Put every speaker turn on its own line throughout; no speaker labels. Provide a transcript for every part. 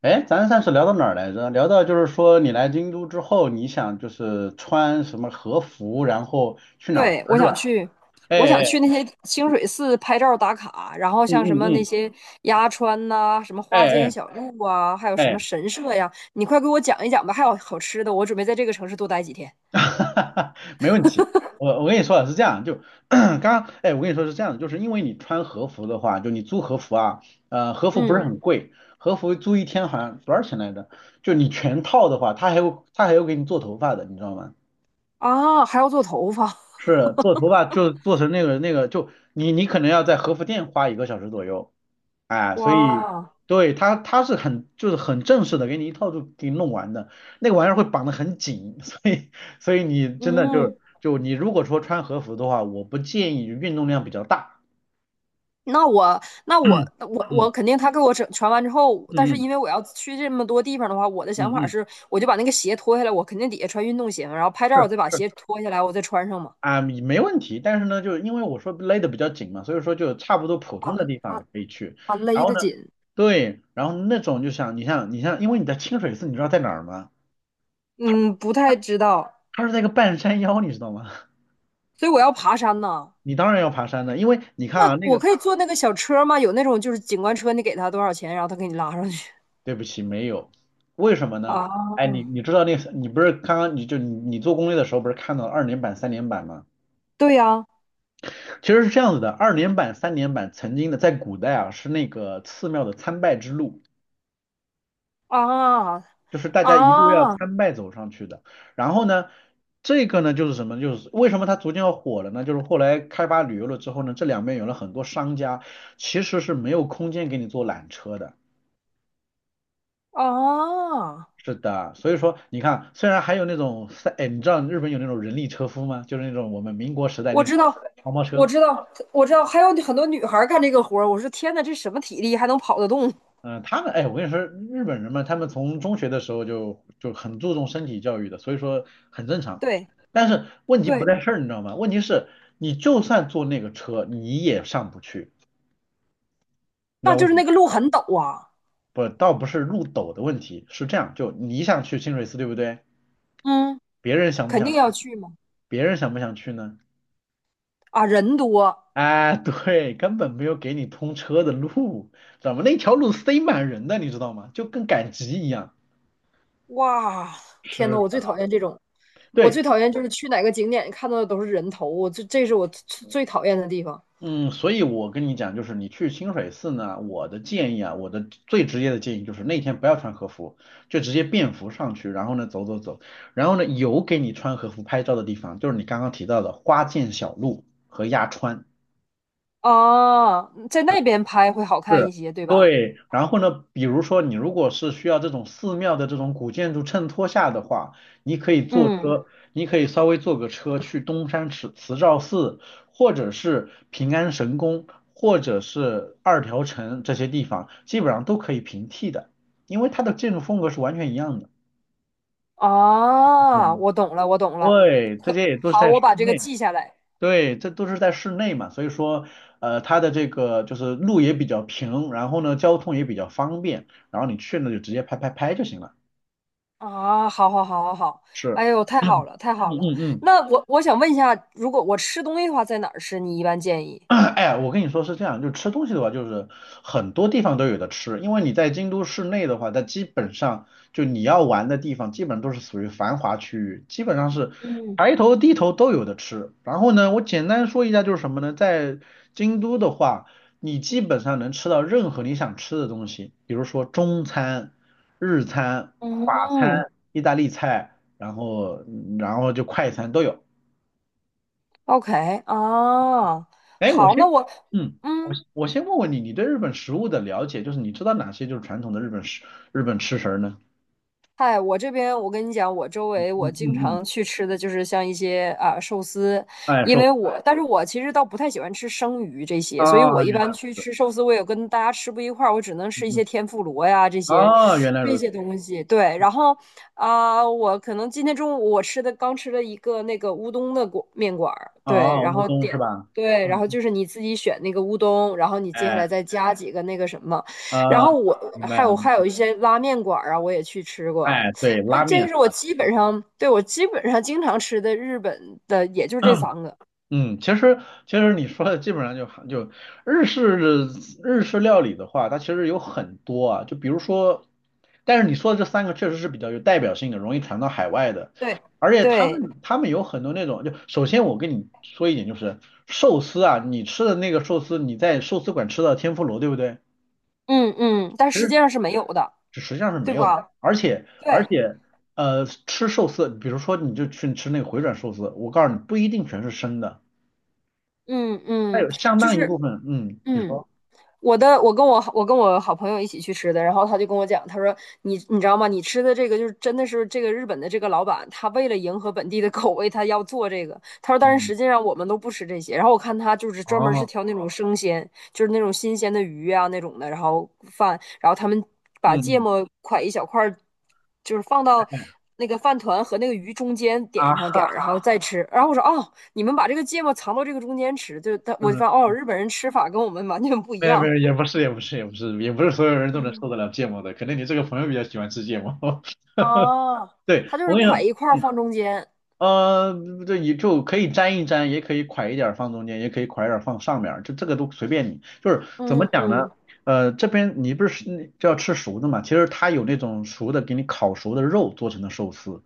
哎，咱上次聊到哪儿来着？聊到就是说你来京都之后，你想就是穿什么和服，然后去哪儿玩
对，
儿是吧？
我
哎哎，
想去那些清水寺拍照打卡，然后
嗯
像什
嗯
么那
嗯，
些鸭川呐、什么
哎
花间
哎
小路啊，还有什
哎，
么神社呀，你快给我讲一讲吧。还有好吃的，我准备在这个城市多待几天。
没问题。我跟你说啊，是这样，就 刚刚哎，我跟你说是这样的，就是因为你穿和服的话，就你租和服啊，和服不是
嗯。
很贵，和服租一天好像多少钱来着？就你全套的话，他还有给你做头发的，你知道吗？
啊，还要做头发。
是做头发就做成那个，就你可能要在和服店花1个小时左右，哎，所以，
哇。
对，他是很就是很正式的，给你一套就给你弄完的，那个玩意儿会绑得很紧，所以你真的就
嗯。
是就你如果说穿和服的话，我不建议运动量比较大。
那我那 我
嗯
我
嗯
我肯定他给我整传完之后，但是
嗯
因为我要去这么多地方的话，我的
嗯
想
嗯
法
嗯，
是，我就把那个鞋脱下来，我肯定底下穿运动鞋嘛，然后拍照
是
我再把
是。
鞋脱下来，我再穿上嘛。
啊，没问题，但是呢，就是因为我说勒得比较紧嘛，所以说就差不多普
啊。
通的地
啊。
方可以去。
啊，
然
勒
后
得
呢，
紧。
对，然后那种就像你，因为你在清水寺，你知道在哪儿吗？
嗯，不太知道，
它是在一个半山腰，你知道吗？
所以我要爬山呢。
你当然要爬山的，因为你看
那
啊，那
我
个
可以坐那个小车吗？有那种就是景观车，你给他多少钱，然后他给你拉上去。
对不起，没有，为什么呢？
啊？
哎，你知道那个你不是刚刚你就你你做攻略的时候不是看到了二连板、三连板吗？
对呀。
其实是这样子的，二连板、三连板曾经的在古代啊是那个寺庙的参拜之路。
啊
就是大家一路要
啊
参拜走上去的。然后呢，这个呢就是什么？就是为什么它逐渐要火了呢？就是后来开发旅游了之后呢，这两边有了很多商家，其实是没有空间给你做缆车的。
啊！
是的，所以说你看，虽然还有那种三，哎，你知道日本有那种人力车夫吗？就是那种我们民国时代
我
那种
知道，
黄包
我
车。
知道，我知道，还有很多女孩儿干这个活儿，我说天呐，这什么体力还能跑得动？
嗯，他们哎，我跟你说，日本人嘛，他们从中学的时候就很注重身体教育的，所以说很正常。
对
但是问题不
对。
在这儿，你知道吗？问题是，你就算坐那个车，你也上不去，你知
那
道
就
为什
是
么？
那个路很陡啊。
不，倒不是路陡的问题，是这样，就你想去清水寺，对不对？
嗯。
别人想不
肯
想
定要
去？
去嘛。
别人想不想去呢？
啊，人多。
哎，对，根本没有给你通车的路，知道吗？那条路塞满人的，你知道吗？就跟赶集一样。
哇，天
是
呐，我最讨
的，
厌这种，我
对，
最讨厌就是去哪个景点看到的都是人头，我这是我最最讨厌的地方。
嗯，所以我跟你讲，就是你去清水寺呢，我的建议啊，我的最直接的建议就是那天不要穿和服，就直接便服上去，然后呢走走走，然后呢有给你穿和服拍照的地方，就是你刚刚提到的花见小路和鸭川。
啊，在那边拍会好看一
是，
些，对吧？
对。然后呢，比如说你如果是需要这种寺庙的这种古建筑衬托下的话，你可以坐
嗯。
车，你可以稍微坐个车去东山慈照寺，或者是平安神宫，或者是二条城这些地方，基本上都可以平替的，因为它的建筑风格是完全一样的。
啊，我懂了，我懂了。
对，这
可
些也都是
好，
在
我
室
把这个
内。
记下来。
对，这都是在室内嘛，所以说，它的这个就是路也比较平，然后呢，交通也比较方便，然后你去呢就直接拍拍拍就行了。
啊，好好好好好，
是，
哎呦，太好
嗯
了，太好了。
嗯嗯。
那我想问一下，如果我吃东西的话，在哪儿吃？你一般建 议？
哎，我跟你说是这样，就吃东西的话，就是很多地方都有的吃，因为你在京都市内的话，它基本上就你要玩的地方，基本都是属于繁华区域，基本上是
嗯
抬头低头都有的吃。然后呢，我简单说一下就是什么呢，在京都的话，你基本上能吃到任何你想吃的东西，比如说中餐、日餐、法
嗯
餐、意大利菜，然后就快餐都有。
，OK。 啊，
哎，我
好，那
先，
我。
嗯，我
嗯。
先我先问问你，你对日本食物的了解，就是你知道哪些就是传统的日本吃食儿呢？
嗨，我这边我跟你讲，我周
嗯
围我
嗯
经
嗯，
常去吃的就是像一些啊寿司，
哎，
因
说
为我，但是我其实倒不太喜欢吃生鱼这些，所以我
啊，
一
原来，
般去吃寿司，我也跟大家吃不一块儿，我只能
嗯
吃一些
嗯，
天妇罗呀这些
啊，原来
这
如此，
些东西。对，然后啊、我可能今天中午我吃的刚吃了一个那个乌冬的馆面馆儿，对，
啊，
然
乌
后
冬是
点。
吧？
对，然
嗯
后
嗯，
就是你自己选那个乌冬，然后你接下
哎，
来再加几个那个什么。然
啊，
后我
明白
还
了，
有还有一些拉面馆啊，我也去吃过。
哎，对，
呃，
拉
这个
面，
是我基本上，对，我基本上经常吃的日本的，也就这三个。
嗯，其实你说的基本上就日式日式料理的话，它其实有很多啊，就比如说，但是你说的这三个确实是比较有代表性的，容易传到海外的，
对
而且他
对。
们他们有很多那种，就首先我跟你说一点就是寿司啊，你吃的那个寿司，你在寿司馆吃到天妇罗，对不对？
嗯嗯，但实际上是没有的，
就实际上是
对
没有的。
吧？
而且而
对。
且吃寿司，比如说你就去吃那个回转寿司，我告诉你不一定全是生的，
嗯
它
嗯，
有相
就
当一部
是。
分，嗯，你
嗯。
说。
我的，我跟我好朋友一起去吃的，然后他就跟我讲，他说你你知道吗？你吃的这个就是真的是这个日本的这个老板，他为了迎合本地的口味，他要做这个。他说，但是
嗯，
实际上我们都不吃这些。然后我看他就是专门是
哦，
挑那种生鲜，就是那种新鲜的鱼啊那种的，然后饭，然后他们把
嗯
芥
嗯，
末块一小块儿，就是放到那个饭团和那个鱼中间
啊
点上点
哈，
儿，然后再吃。然后我说哦，你们把这个芥末藏到这个中间吃，就他我就
嗯，
发现哦，日本人吃法跟我们完全不一
没有没
样。
有，也不是所有人都能
嗯。
受得了芥末的，可能你这个朋友比较喜欢吃芥末。哈哈，
哦，
对，
它就是
我跟你
块
也，
一块儿
嗯，
放中间。
对，你就可以沾一沾，也可以㧟一点儿放中间，也可以㧟一点儿放上面儿，就这个都随便你。就是怎么
嗯
讲呢？
嗯。
这边你不是就要吃熟的嘛？其实它有那种熟的，给你烤熟的肉做成的寿司。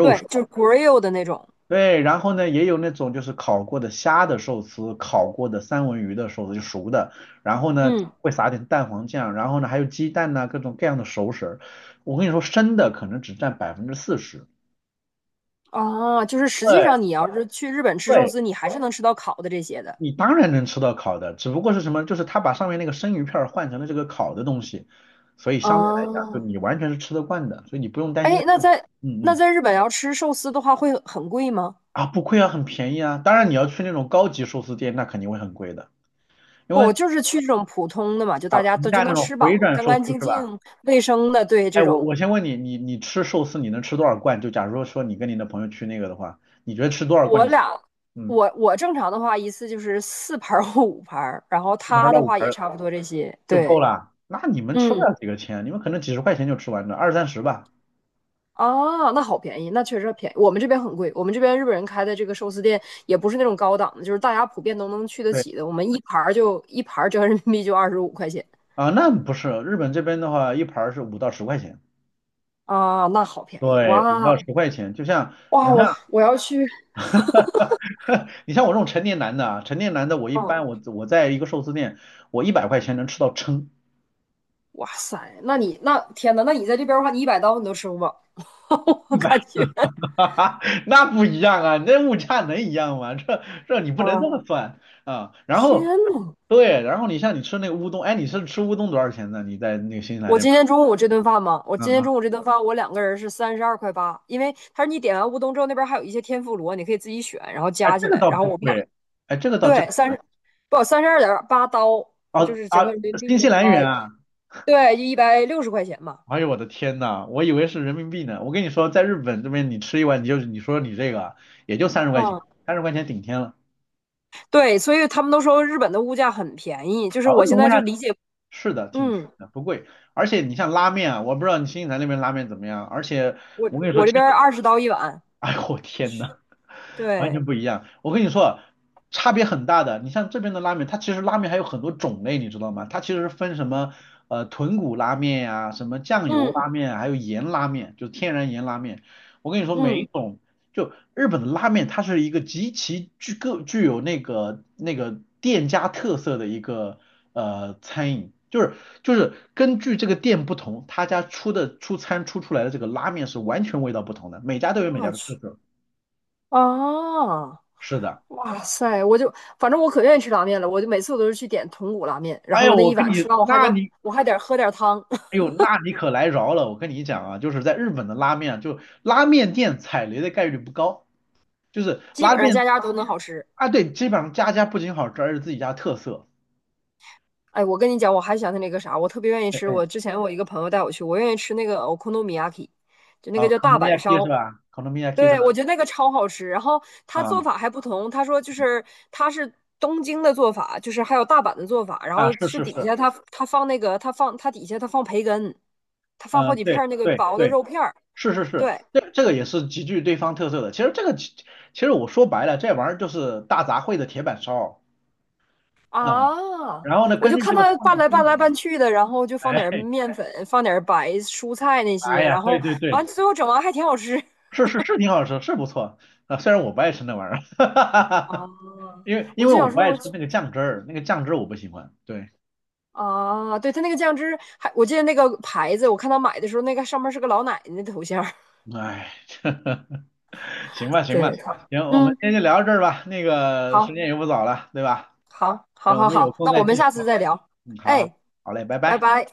对，就是 grill 的那种。
对，然后呢，也有那种就是烤过的虾的寿司，烤过的三文鱼的寿司，就熟的。然后呢，
嗯。
会撒点蛋黄酱，然后呢，还有鸡蛋呐、各种各样的熟食儿。我跟你说，生的可能只占40%。
哦，就是实际
对，
上你要是去日本吃寿
对，
司，你还是能吃到烤的这些的。
你当然能吃到烤的，只不过是什么，就是他把上面那个生鱼片儿换成了这个烤的东西，所以相对来讲，就
哦，
你完全是吃得惯的，所以你不用担心在
哎，那
这。
在
嗯嗯，
日本要吃寿司的话，会很贵吗？
啊，不亏啊，很便宜啊。当然你要去那种高级寿司店，那肯定会很贵的
不，我就是去这种普通的嘛，就
啊。
大家
评
都就
价这
能
种
吃饱，
回转
干
寿
干
司
净
是吧？
净、卫生的。对，
哎，
这
我
种
我先问你，你吃寿司你能吃多少罐？就假如说你跟你的朋友去那个的话，你觉得吃多少罐
我
你？
俩，
嗯，
我正常的话一次就是四盘儿或五盘儿，然后
一盘儿
他
到
的
五
话
盘
也
儿
差不多这些。
就够
对。
了。那你们吃不
嗯。
了几个钱，你们可能几十块钱就吃完了，二三十吧。
哦，那好便宜，那确实便宜。我们这边很贵，我们这边日本人开的这个寿司店也不是那种高档的，就是大家普遍都能去得
对
起的。我们一盘儿就一盘儿折合人民币就25块钱。
啊，那不是日本这边的话，一盘儿是五到十块钱。
啊，那好便宜
对，五
哇。
到十块钱，就像你
哇！
像
我我要去。
你像我这种成年男的啊，成年男的我一
嗯。
般我在一个寿司店，我100块钱能吃到撑。
哇塞，那你那天呐，那你在这边的话，你100刀你都吃不饱，我
一百。
感觉
哈哈，那不一样啊！那物价能一样吗？这你不能这
哇。
么算啊！然
天
后，
呐！
对，然后你像你吃那个乌冬，哎，你是吃乌冬多少钱呢？你在那个新西兰
我
那边？
今天中午这顿饭嘛，我
嗯
今天中
嗯，
午这顿饭，我两个人是32块8，因为他说你点完乌冬之后，那边还有一些天妇罗，你可以自己选，然后
哎，
加
这
起
个
来，
倒
然后
不
我们俩。
贵，哎，这个倒真
对，三十，不，32.8刀，就
啊
是折合
啊，
人民币
新
的
西兰
话，
元啊！
对，160块钱嘛。
哎呦我的天呐，我以为是人民币呢。我跟你说，在日本这边你吃一碗，你就你说你这个啊也就三十块钱，
嗯。
三十块钱顶天了
对，所以他们都说日本的物价很便宜，就是
啊！为
我
什
现
么物
在就
价
理解。
是的，挺
嗯，
不贵，而且你像拉面啊，我不知道你新西兰那边拉面怎么样，而且
我
我跟你说，
我
其
这边
实。
20刀一碗。
哎呦我天呐，完
对。
全不一样。我跟你说，差别很大的。你像这边的拉面，它其实拉面还有很多种类，你知道吗？它其实分什么豚骨拉面呀、什么酱油
嗯
拉面啊，还有盐拉面，就是天然盐拉面。我跟你说，每
嗯，
一种就日本的拉面，它是一个极其具有那个店家特色的一个餐饮。就是根据这个店不同，他家出的出餐出出来的这个拉面是完全味道不同的，每家都有每家
我
的特
去。
色。
啊，
是的，
哇塞，我就反正我可愿意吃拉面了，我就每次我都是去点豚骨拉面，然
哎
后
呀，
我那
我
一
跟
碗
你，
吃完，我还
那
能
你，
我还得喝点汤。
哎 呦，那你可来饶了！我跟你讲啊，就是在日本的拉面啊，就拉面店踩雷的概率不高，就是
基
拉
本上
面
家家都能好吃。
啊，对，基本上家家不仅好吃，而且自己家特色。
哎，我跟你讲，我还想起那个啥，我特别愿意
哎
吃。
哎，
我之前我一个朋友带我去，我愿意吃那个 okonomiaki 就那
啊
个叫大阪
，konomiyaki 是
烧。
吧？konomiyaki 是
对，
吧？
我觉得那个超好吃。然后他
啊
做法还不同，他说就是他是东京的做法，就是还有大阪的做法，然
啊，
后
是
是
是
底
是，
下他底下他放培根，他放好
嗯、
几片
对
儿那个
对
薄的
对，
肉片儿。
是是是，
对
这个也是极具对方特色的。其实其实我说白了，这玩意儿就是大杂烩的铁板烧，嗯，
啊，
然后呢，
我
根
就
据
看
这个
他
放
拌
的
来
风
拌来拌
格，
去的，然后就放点儿
哎，
面粉，放点儿白蔬菜那
哎
些，
呀，
然
对
后
对
完
对。
最后整完还挺好吃。
是是是，挺好吃，是不错啊。虽然我不爱吃那玩意儿，
啊，
因为因
我
为
就
我
想
不
说
爱
我
吃
去。
那个酱汁儿，那个酱汁儿我不喜欢。对，
啊，对，他那个酱汁还，我记得那个牌子，我看他买的时候，那个上面是个老奶奶的头像儿。
哎，行吧行吧，
对，
行，我们
嗯，
今天就聊到这儿吧。那个时
好，
间也不早了，对吧？
好，好，
行，我
好，
们有
好，
空
那
再
我们
继续。
下次再聊。
嗯，好好，
哎，
好嘞，拜
拜
拜。
拜。